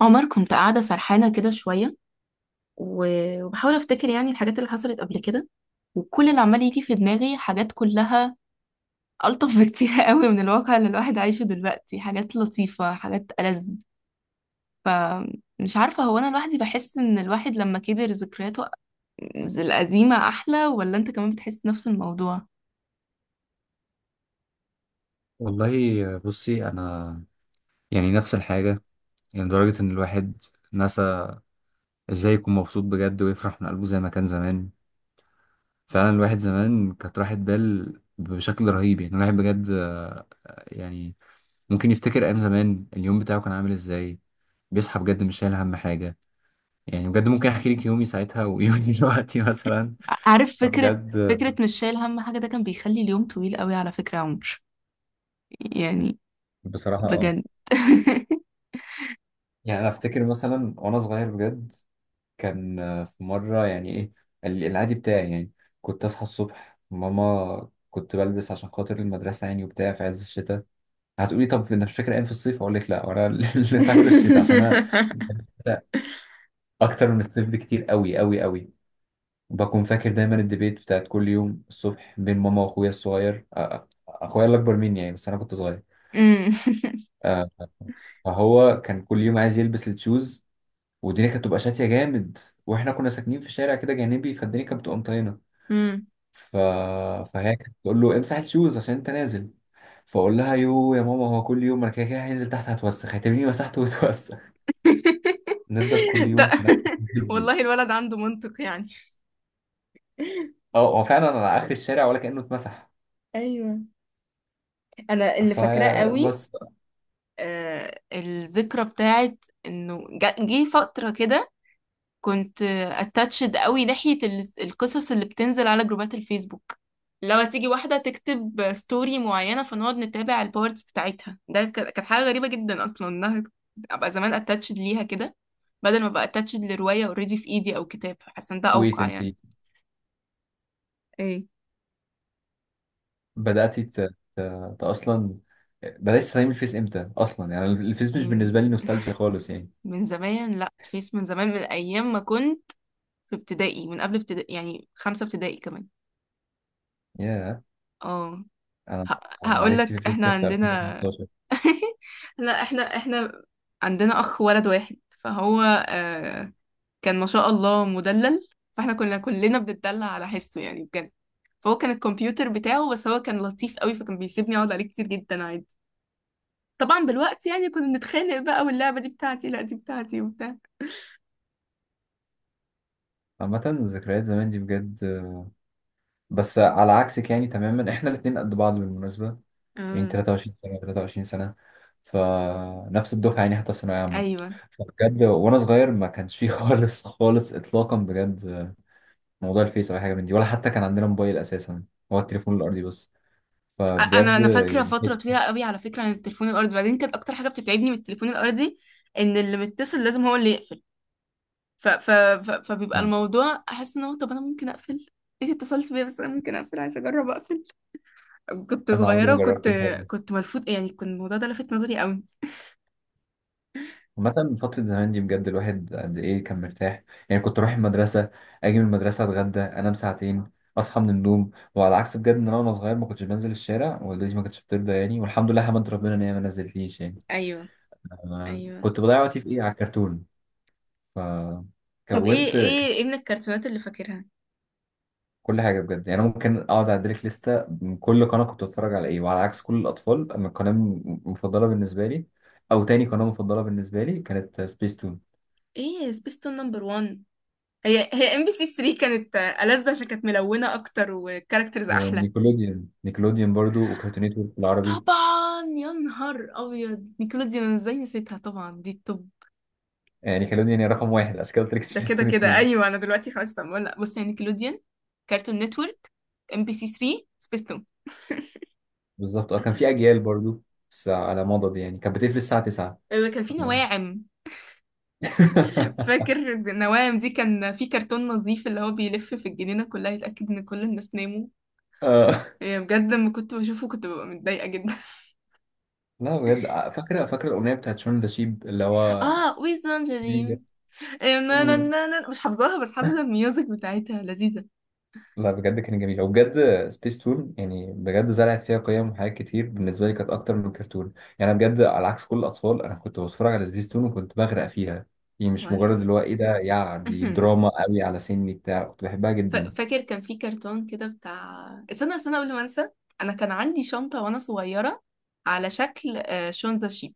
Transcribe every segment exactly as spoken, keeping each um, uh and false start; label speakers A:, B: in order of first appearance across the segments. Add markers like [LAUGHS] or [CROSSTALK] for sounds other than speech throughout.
A: عمر، كنت قاعدة سرحانة كده شوية و- وبحاول أفتكر يعني الحاجات اللي حصلت قبل كده، وكل اللي عمال يجي في دماغي حاجات كلها ألطف [LAUGHS] بكتير قوي من الواقع اللي الواحد عايشه دلوقتي، حاجات لطيفة حاجات ألذ. فمش عارفة، هو أنا لوحدي بحس إن الواحد لما كبر ذكرياته القديمة أحلى، ولا أنت كمان بتحس نفس الموضوع؟
B: والله، بصي انا يعني نفس الحاجه. يعني لدرجه ان الواحد نسى ازاي يكون مبسوط بجد ويفرح من قلبه زي ما كان زمان. فعلا الواحد زمان كانت راحه بال بشكل رهيب. يعني الواحد بجد آه، يعني ممكن يفتكر ايام زمان اليوم بتاعه كان عامل ازاي، بيصحى بجد مش شايل هم حاجه. يعني بجد ممكن احكي لك يومي ساعتها ويومي [LAUGHS] دلوقتي مثلا.
A: عارف، فكرة،
B: فبجد
A: فكرة مش شايل هم حاجة ده كان بيخلي اليوم طويل قوي على فكرة يا عمر، يعني
B: بصراحة اه.
A: بجد.
B: يعني انا افتكر مثلا وانا صغير بجد، كان آه، في مرة، يعني إيه، ال- العادي بتاعي يعني، كنت أصحى الصبح، ماما كنت بلبس عشان خاطر المدرسة يعني وبتاع، في عز الشتاء. هتقولي طب أنت مش فاكر أيام في الصيف؟ أقول لك لا، وأنا [LAUGHS] اللي فاكر الشتاء عشان أنا
A: [LAUGHS]
B: بحب
A: [LAUGHS]
B: الشتاء أكتر من الصيف بكتير أوي أوي أوي. بكون فاكر دايما الديبيت بتاعت كل يوم الصبح بين ماما وأخويا الصغير، أ- أ- أخويا اللي أكبر مني يعني، بس أنا كنت صغير.
A: أمم. [LAUGHS]
B: أ- فهو كان كل يوم عايز يلبس التشوز، والدنيا كانت بتبقى شاتية جامد، واحنا كنا ساكنين في شارع كده جانبي، فالدنيا كانت بتبقى مطينة.
A: امم
B: ف... فهي كانت بتقول له امسح الشوز عشان انت نازل، فاقول لها يو يا ماما، هو كل يوم انا كده كده هنزل تحت، هتوسخ، هتبني مسحته وتوسخ. [LAUGHS]
A: [LAUGHS]
B: نفضل كل يوم
A: ده
B: في نفس
A: [LAUGHS]
B: التكتيك دي.
A: والله الولد عنده منطق يعني.
B: اه، هو فعلا على اخر الشارع ولا كانه اتمسح.
A: ايوه، انا اللي فاكراه قوي
B: فبس،
A: آه الذكرى بتاعت انه جا- جه فتره كده، كنت اتاتشد قوي ناحيه ال- القصص اللي بتنزل على جروبات الفيسبوك. لو تيجي واحده تكتب ستوري معينه فنقعد نتابع البارتس بتاعتها، ده ك- كانت حاجه غريبه جدا اصلا، انها ابقى زمان اتاتشد ليها كده بدل ما ابقى اتاتشد لروايه اوريدي في ايدي او كتاب، حاسه ان ده
B: ويت
A: اوقع
B: انت
A: يعني. ايه؟
B: بداتي ت... ت... ت... اصلا بدات تستخدمي الفيس امتى؟ اصلا يعني الفيس مش بالنسبه لي
A: يعني
B: نوستالجيا خالص
A: [LAUGHS]
B: يعني.
A: من زمان، لا فيس، من زمان، من ايام ما كنت في ابتدائي، من قبل ابتدائي، يعني خمسة ابتدائي كمان.
B: يا
A: اه،
B: انا
A: هقول
B: معرفتي في
A: لك
B: الفيس
A: احنا
B: كانت في
A: عندنا
B: ألفين وخمستاشر.
A: [LAUGHS] لا احنا احنا عندنا اخ ولد واحد، فهو آه كان ما شاء الله مدلل، فاحنا كنا كلنا بنتدلع على حسه يعني بجد. فهو كان الكمبيوتر بتاعه، بس هو كان لطيف قوي فكان بيسيبني اقعد عليه كتير جدا عادي. طبعا بالوقت يعني كنا بنتخانق بقى، واللعبة دي بتاعتي لا دي بتاعتي وبتاع.
B: عامة ذكريات زمان دي بجد، بس على عكسك يعني تماما. احنا الاتنين قد بعض بالمناسبة، يعني
A: آه.
B: تلاتة وعشرين سنة، تلاتة وعشرين سنة، فنفس الدفعة يعني، حتى في ثانوية عامة.
A: ايوه،
B: فبجد وأنا صغير ما كانش فيه [LAUGHS] خالص خالص إطلاقا بجد موضوع الفيس أو أي حاجة من دي، ولا حتى كان عندنا موبايل أساسا، هو التليفون الأرضي بس.
A: انا
B: فبجد
A: انا فاكره
B: يعني.
A: فتره طويله قوي على فكره عن التليفون الارضي. بعدين كانت اكتر حاجه بتتعبني من التليفون الارضي ان اللي متصل لازم هو اللي يقفل، ف... ف... ف... فبيبقى
B: م.
A: الموضوع احس ان هو، طب انا ممكن اقفل، انت اتصلت بيا بس انا ممكن اقفل، عايزه اجرب اقفل. كنت
B: أنا عمري
A: صغيره
B: ما جربت
A: وكنت،
B: الحوار ده.
A: كنت ملفوت يعني، كان الموضوع ده لفت نظري قوي.
B: عامة فترة زمان دي بجد الواحد قد إيه كان مرتاح. يعني كنت أروح المدرسة، أجي من المدرسة، أتغدى، أنام ساعتين، أصحى من النوم. وعلى عكس بجد، إن أنا وأنا صغير ما كنتش بنزل الشارع، والدتي ما كانتش بترضى يعني، والحمد لله حمدت ربنا إن هي ما نزلتنيش يعني.
A: ايوه،
B: أنا
A: ايوه.
B: كنت بضيع وقتي في إيه؟ على الكرتون.
A: طب ايه،
B: فكونت
A: ايه ايه من الكرتونات اللي فاكرها؟
B: كل حاجة بجد. يعني أنا ممكن أقعد أعدلك لستة من كل قناة كنت بتفرج على إيه. وعلى عكس كل الأطفال، أما القناة م- مفضلة بالنسبة لي أو تاني قناة مفضلة بالنسبة لي كانت سبيس تون
A: ايه، سبيستون نمبر واحد، هي هي ام بي سي تري كانت ألذ عشان كانت ملونه اكتر وكاركترز احلى.
B: ونيكولوديان. نيكولوديان برضو، وكارتون نتورك بالعربي.
A: طبعا، يا نهار ابيض نيكلوديان، أنا ازاي نسيتها؟ طبعا دي التوب.
B: يعني نيكولوديان هي رقم واحد، عشان كده قلت لك [LAUGHS]
A: ده
B: سبيس
A: كده
B: تون
A: كده
B: اتنين.
A: ايوه، انا دلوقتي خلاص، طب لا بص، يعني نيكلوديان، كارتون نتورك، ام بي سي تري، سبيستون.
B: بالظبط، أه كان في أجيال برضو، بس على مضض يعني، كانت بتقفل الساعة تسعة.
A: آه، [LAUGHS] كان في نواعم.
B: [LAUGHS]
A: فاكر النواعم دي؟ كان في كرتون نظيف اللي هو بيلف في الجنينة كلها يتأكد ان كل الناس ناموا.
B: آه،
A: آه، بجد لما كنت بشوفه كنت ببقى متضايقة جدا.
B: لا بجد، آه، فاكرة، فاكرة الأغنية بتاعت شون ذا شيب اللي
A: [LAUGHS]
B: هو.
A: اه، ويزن جريم، آه، نا نا
B: مم.
A: نا نا، مش حافظاها بس حافظة الميوزك بتاعتها لذيذة.
B: لا بجد كان جميل وبجد. سبيس تون يعني بجد زرعت فيها قيم وحاجات كتير، بالنسبه لي كانت اكتر من الكرتون. يعني انا بجد على عكس كل الاطفال انا كنت بتفرج على سبيس تون وكنت بغرق فيها. يعني مش
A: وانا
B: مجرد اللي هو ايه ده، يعني دي
A: [LAUGHS]
B: دراما قوي على سني بتاع، كنت بحبها
A: ف-
B: جدا.
A: فاكر كان في كرتون كده بتاع، استنى استنى قبل ما انسى، انا كان عندي شنطة وانا صغيرة على شكل آه، شونزا شيب،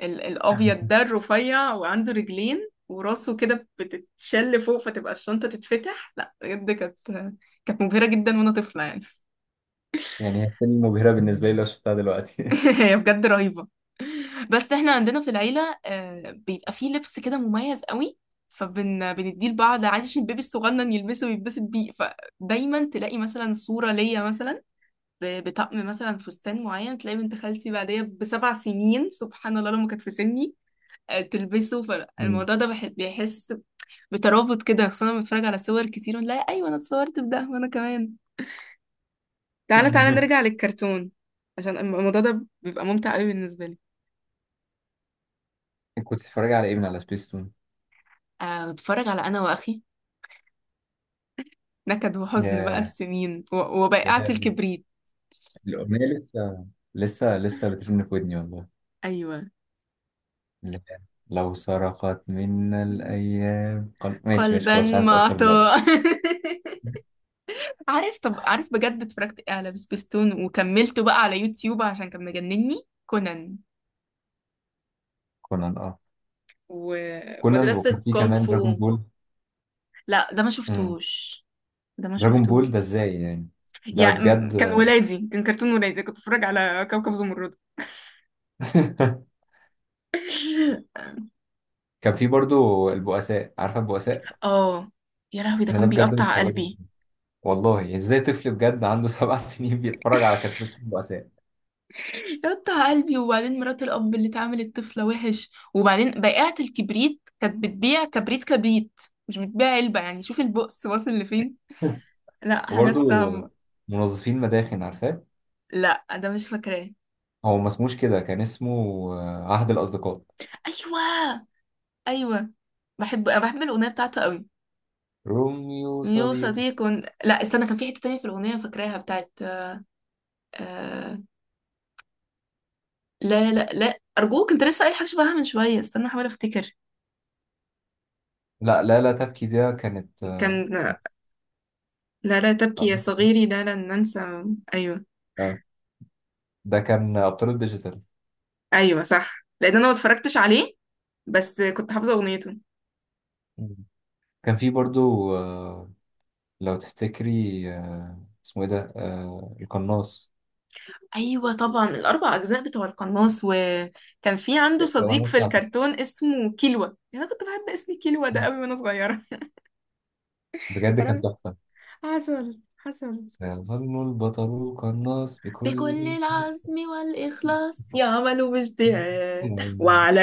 A: ال- الابيض ده الرفيع، وعنده رجلين وراسه كده بتتشل فوق فتبقى الشنطة تتفتح. لا بجد كانت، كانت مبهرة جدا وانا طفلة يعني.
B: يعني هي فيلم مبهره بالنسبه لي لو شفتها دلوقتي.
A: [LAUGHS] هي بجد رهيبة. بس احنا عندنا في العيلة آه، بيبقى فيه لبس كده مميز قوي، فبن بنديه لبعض عادي عشان البيبي الصغنن يلبسه ويتبسط بيه. فدايما تلاقي مثلا صورة ليا مثلا ب- بطقم مثلا فستان معين، تلاقي بنت خالتي بعديها بسبع سنين سبحان الله لما كانت في سني آه، تلبسه. فالموضوع ده
B: [LAUGHS]
A: بح- بيحس بترابط كده، خصوصا لما بتفرج على صور كتير ونلاقي ايوه انا اتصورت بده وانا كمان. تعالى تعالى
B: أمم.
A: نرجع للكرتون عشان الموضوع ده بيبقى ممتع قوي بالنسبه لي.
B: كنت بتتفرج على ايه من على سبيس تون؟
A: آه، اتفرج على انا واخي، نكد وحزن بقى
B: ياه،
A: السنين، و-
B: يا
A: وبائعة
B: لهوي.
A: الكبريت.
B: الاغنيه لسه، لسه لسه بترن في ودني والله.
A: ايوه،
B: لا. لو سرقت منا الأيام قل... ماشي ماشي
A: قلبا
B: خلاص، مش عايز أتأثر دلوقتي.
A: معطاء. [LAUGHS] عارف، طب عارف بجد اتفرجت إيه على سبيستون وكملته بقى على يوتيوب عشان كان مجنني؟ كونان،
B: كونان، اه كونان. وكان
A: ومدرسة
B: في
A: كونغ
B: كمان دراجون
A: فو.
B: بول.
A: لا ده ما
B: امم،
A: شفتوش، ده ما
B: دراجون
A: شفته.
B: بول ده ازاي يعني؟ ده
A: يعني م-
B: بجد.
A: كان ولادي، كان كرتون ولادي كنت بتفرج على كوكب زمرد.
B: [LAUGHS] كان في برضو البؤساء، عارفة البؤساء؟
A: اه، يا لهوي ده
B: أنا ده
A: كان
B: بجد
A: بيقطع
B: مستغربه،
A: قلبي.
B: والله ازاي طفل بجد عنده سبع [LAUGHS] سنين بيتفرج على كرتون اسمه البؤساء؟
A: يقطع قلبي، وبعدين مرات الأب اللي تعامل الطفلة وحش، وبعدين بائعة الكبريت كانت بتبيع كبريت كبريت، مش بتبيع علبة، يعني شوف البؤس واصل لفين، لا حاجات
B: وبرضو
A: صعبة.
B: منظفين مداخن، عارفاه؟
A: لا ده مش فاكراه.
B: هو ما اسموش كده، كان اسمه آه، عهد الأصدقاء،
A: ايوه، ايوه، بحب، أنا بحب الاغنيه بتاعته قوي.
B: روميو
A: يو
B: صديق.
A: صديق، لا استنى، كان في حته تانية في الاغنيه فاكراها بتاعت آه... لا لا لا، ارجوك انت لسه قايل حاجه شبهها من شويه، استنى احاول افتكر.
B: لا لا لا تبكي، ده كانت آه،
A: كان، لا لا تبكي يا صغيري، لا لن ننسى. ايوه.
B: آه، ده كان أبطال الديجيتال.
A: ايوه صح، لان انا ما اتفرجتش عليه بس كنت حافظه اغنيته.
B: مم. كان في برضو آه، لو تفتكري آه، اسمه ايه ده، آه، القناص،
A: ايوه طبعا، الاربع اجزاء بتوع القناص، وكان في عنده صديق
B: الأغنية
A: في
B: بتاعته.
A: الكرتون اسمه كيلوا. انا كنت بحب اسم كيلوا ده
B: مم.
A: قوي وانا صغيره.
B: بجد كانت
A: [LAUGHS]
B: تحفة.
A: حصل حصل،
B: سيظل البطل القناص
A: بكل
B: بكل.
A: العزم والإخلاص
B: [LAUGHS]
A: يعمل باجتهاد، وعلى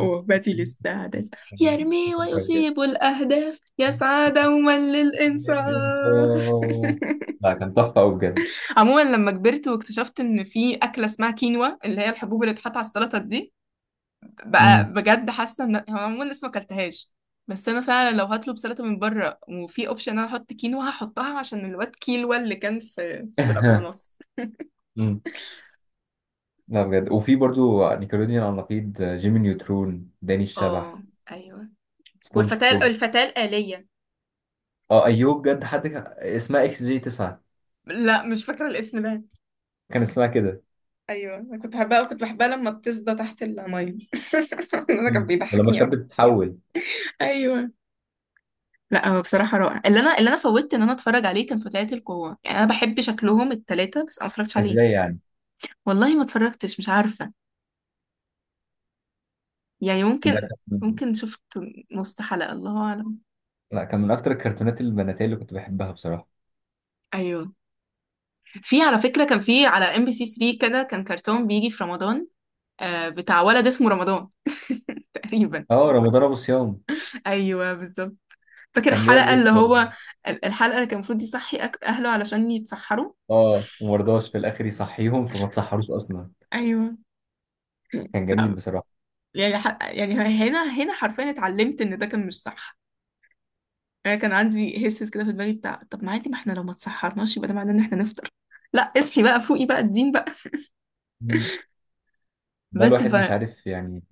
A: وهبة الاستعداد، يرمي
B: بجد.
A: ويصيب الأهداف، يسعى دوما للإنصاف.
B: الإنصاف، لا كان تحفة أوي بجد.
A: عموما لما كبرت واكتشفت إن في أكلة اسمها كينوا اللي هي الحبوب اللي بتحط على السلطة دي، بقى
B: مم.
A: بجد حاسة إن هو، عموما لسه ما أكلتهاش، بس أنا فعلا لو هطلب سلطة من بره وفي أوبشن إن أنا أحط كينوا هحطها عشان الواد كيلوا اللي كان في في الأقناص.
B: [LAUGHS] لا بجد، وفي برضو نيكلوديان على النقيض، جيمي نيوترون، داني
A: اه،
B: الشبح،
A: ايوه،
B: سبونج
A: والفتاة،
B: بوب.
A: الفتاة الآلية.
B: اه ايوب بجد، حد كان- اسمها اكس جي تسعة،
A: لا مش فاكرة الاسم ده.
B: كان اسمها كده.
A: ايوه انا كنت بحبها، كنت بحبها لما بتصدى تحت المية. [LAUGHS] ده كان
B: مم. ولما
A: بيضحكني
B: كانت
A: قوي.
B: بتتحول
A: ايوه. لا هو بصراحة رائع، اللي انا، اللي انا فوتت ان انا اتفرج عليه كان فتيات القوة، يعني انا بحب شكلهم التلاتة بس انا ما اتفرجتش
B: ازاي
A: عليه.
B: يعني؟
A: والله ما اتفرجتش، مش عارفة، يعني
B: ده
A: ممكن،
B: كان من-،
A: ممكن شفت نص حلقة الله اعلم.
B: لا كان من اكتر الكرتونات البناتية اللي كنت بحبها بصراحة.
A: ايوه. في على فكرة، كان في على ام بي سي تري كده كان كرتون بيجي في رمضان آه بتاع ولد اسمه رمضان [LAUGHS] تقريبا.
B: اه، رمضان ابو صيام،
A: ايوه بالظبط. فاكر
B: كان بيقعد
A: الحلقة اللي
B: يفطر.
A: هو، ال- الحلقة اللي كان المفروض يصحي أك- أهله علشان يتسحروا.
B: اه، ومرضاش في الاخر يصحيهم فما تصحروش اصلا.
A: ايوه.
B: كان جميل
A: لا،
B: بصراحة.
A: يعني ح... يعني هنا هنا حرفيا اتعلمت ان ده كان مش صح. انا كان عندي هسس كده في دماغي بتاع طب ما عادي ما احنا لو ما تسحرناش يبقى ده معناه ان احنا نفطر، لا اصحي بقى فوقي بقى الدين بقى.
B: مم. ده
A: بس ف،
B: الواحد مش عارف يعني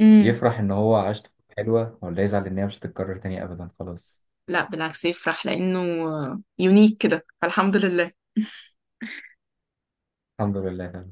A: امم،
B: يفرح ان هو عاش طفولة حلوة، ولا يزعل ان هي مش هتتكرر تاني ابدا خلاص.
A: لا بالعكس يفرح لانه يونيك كده، فالحمد لله.
B: الحمد لله.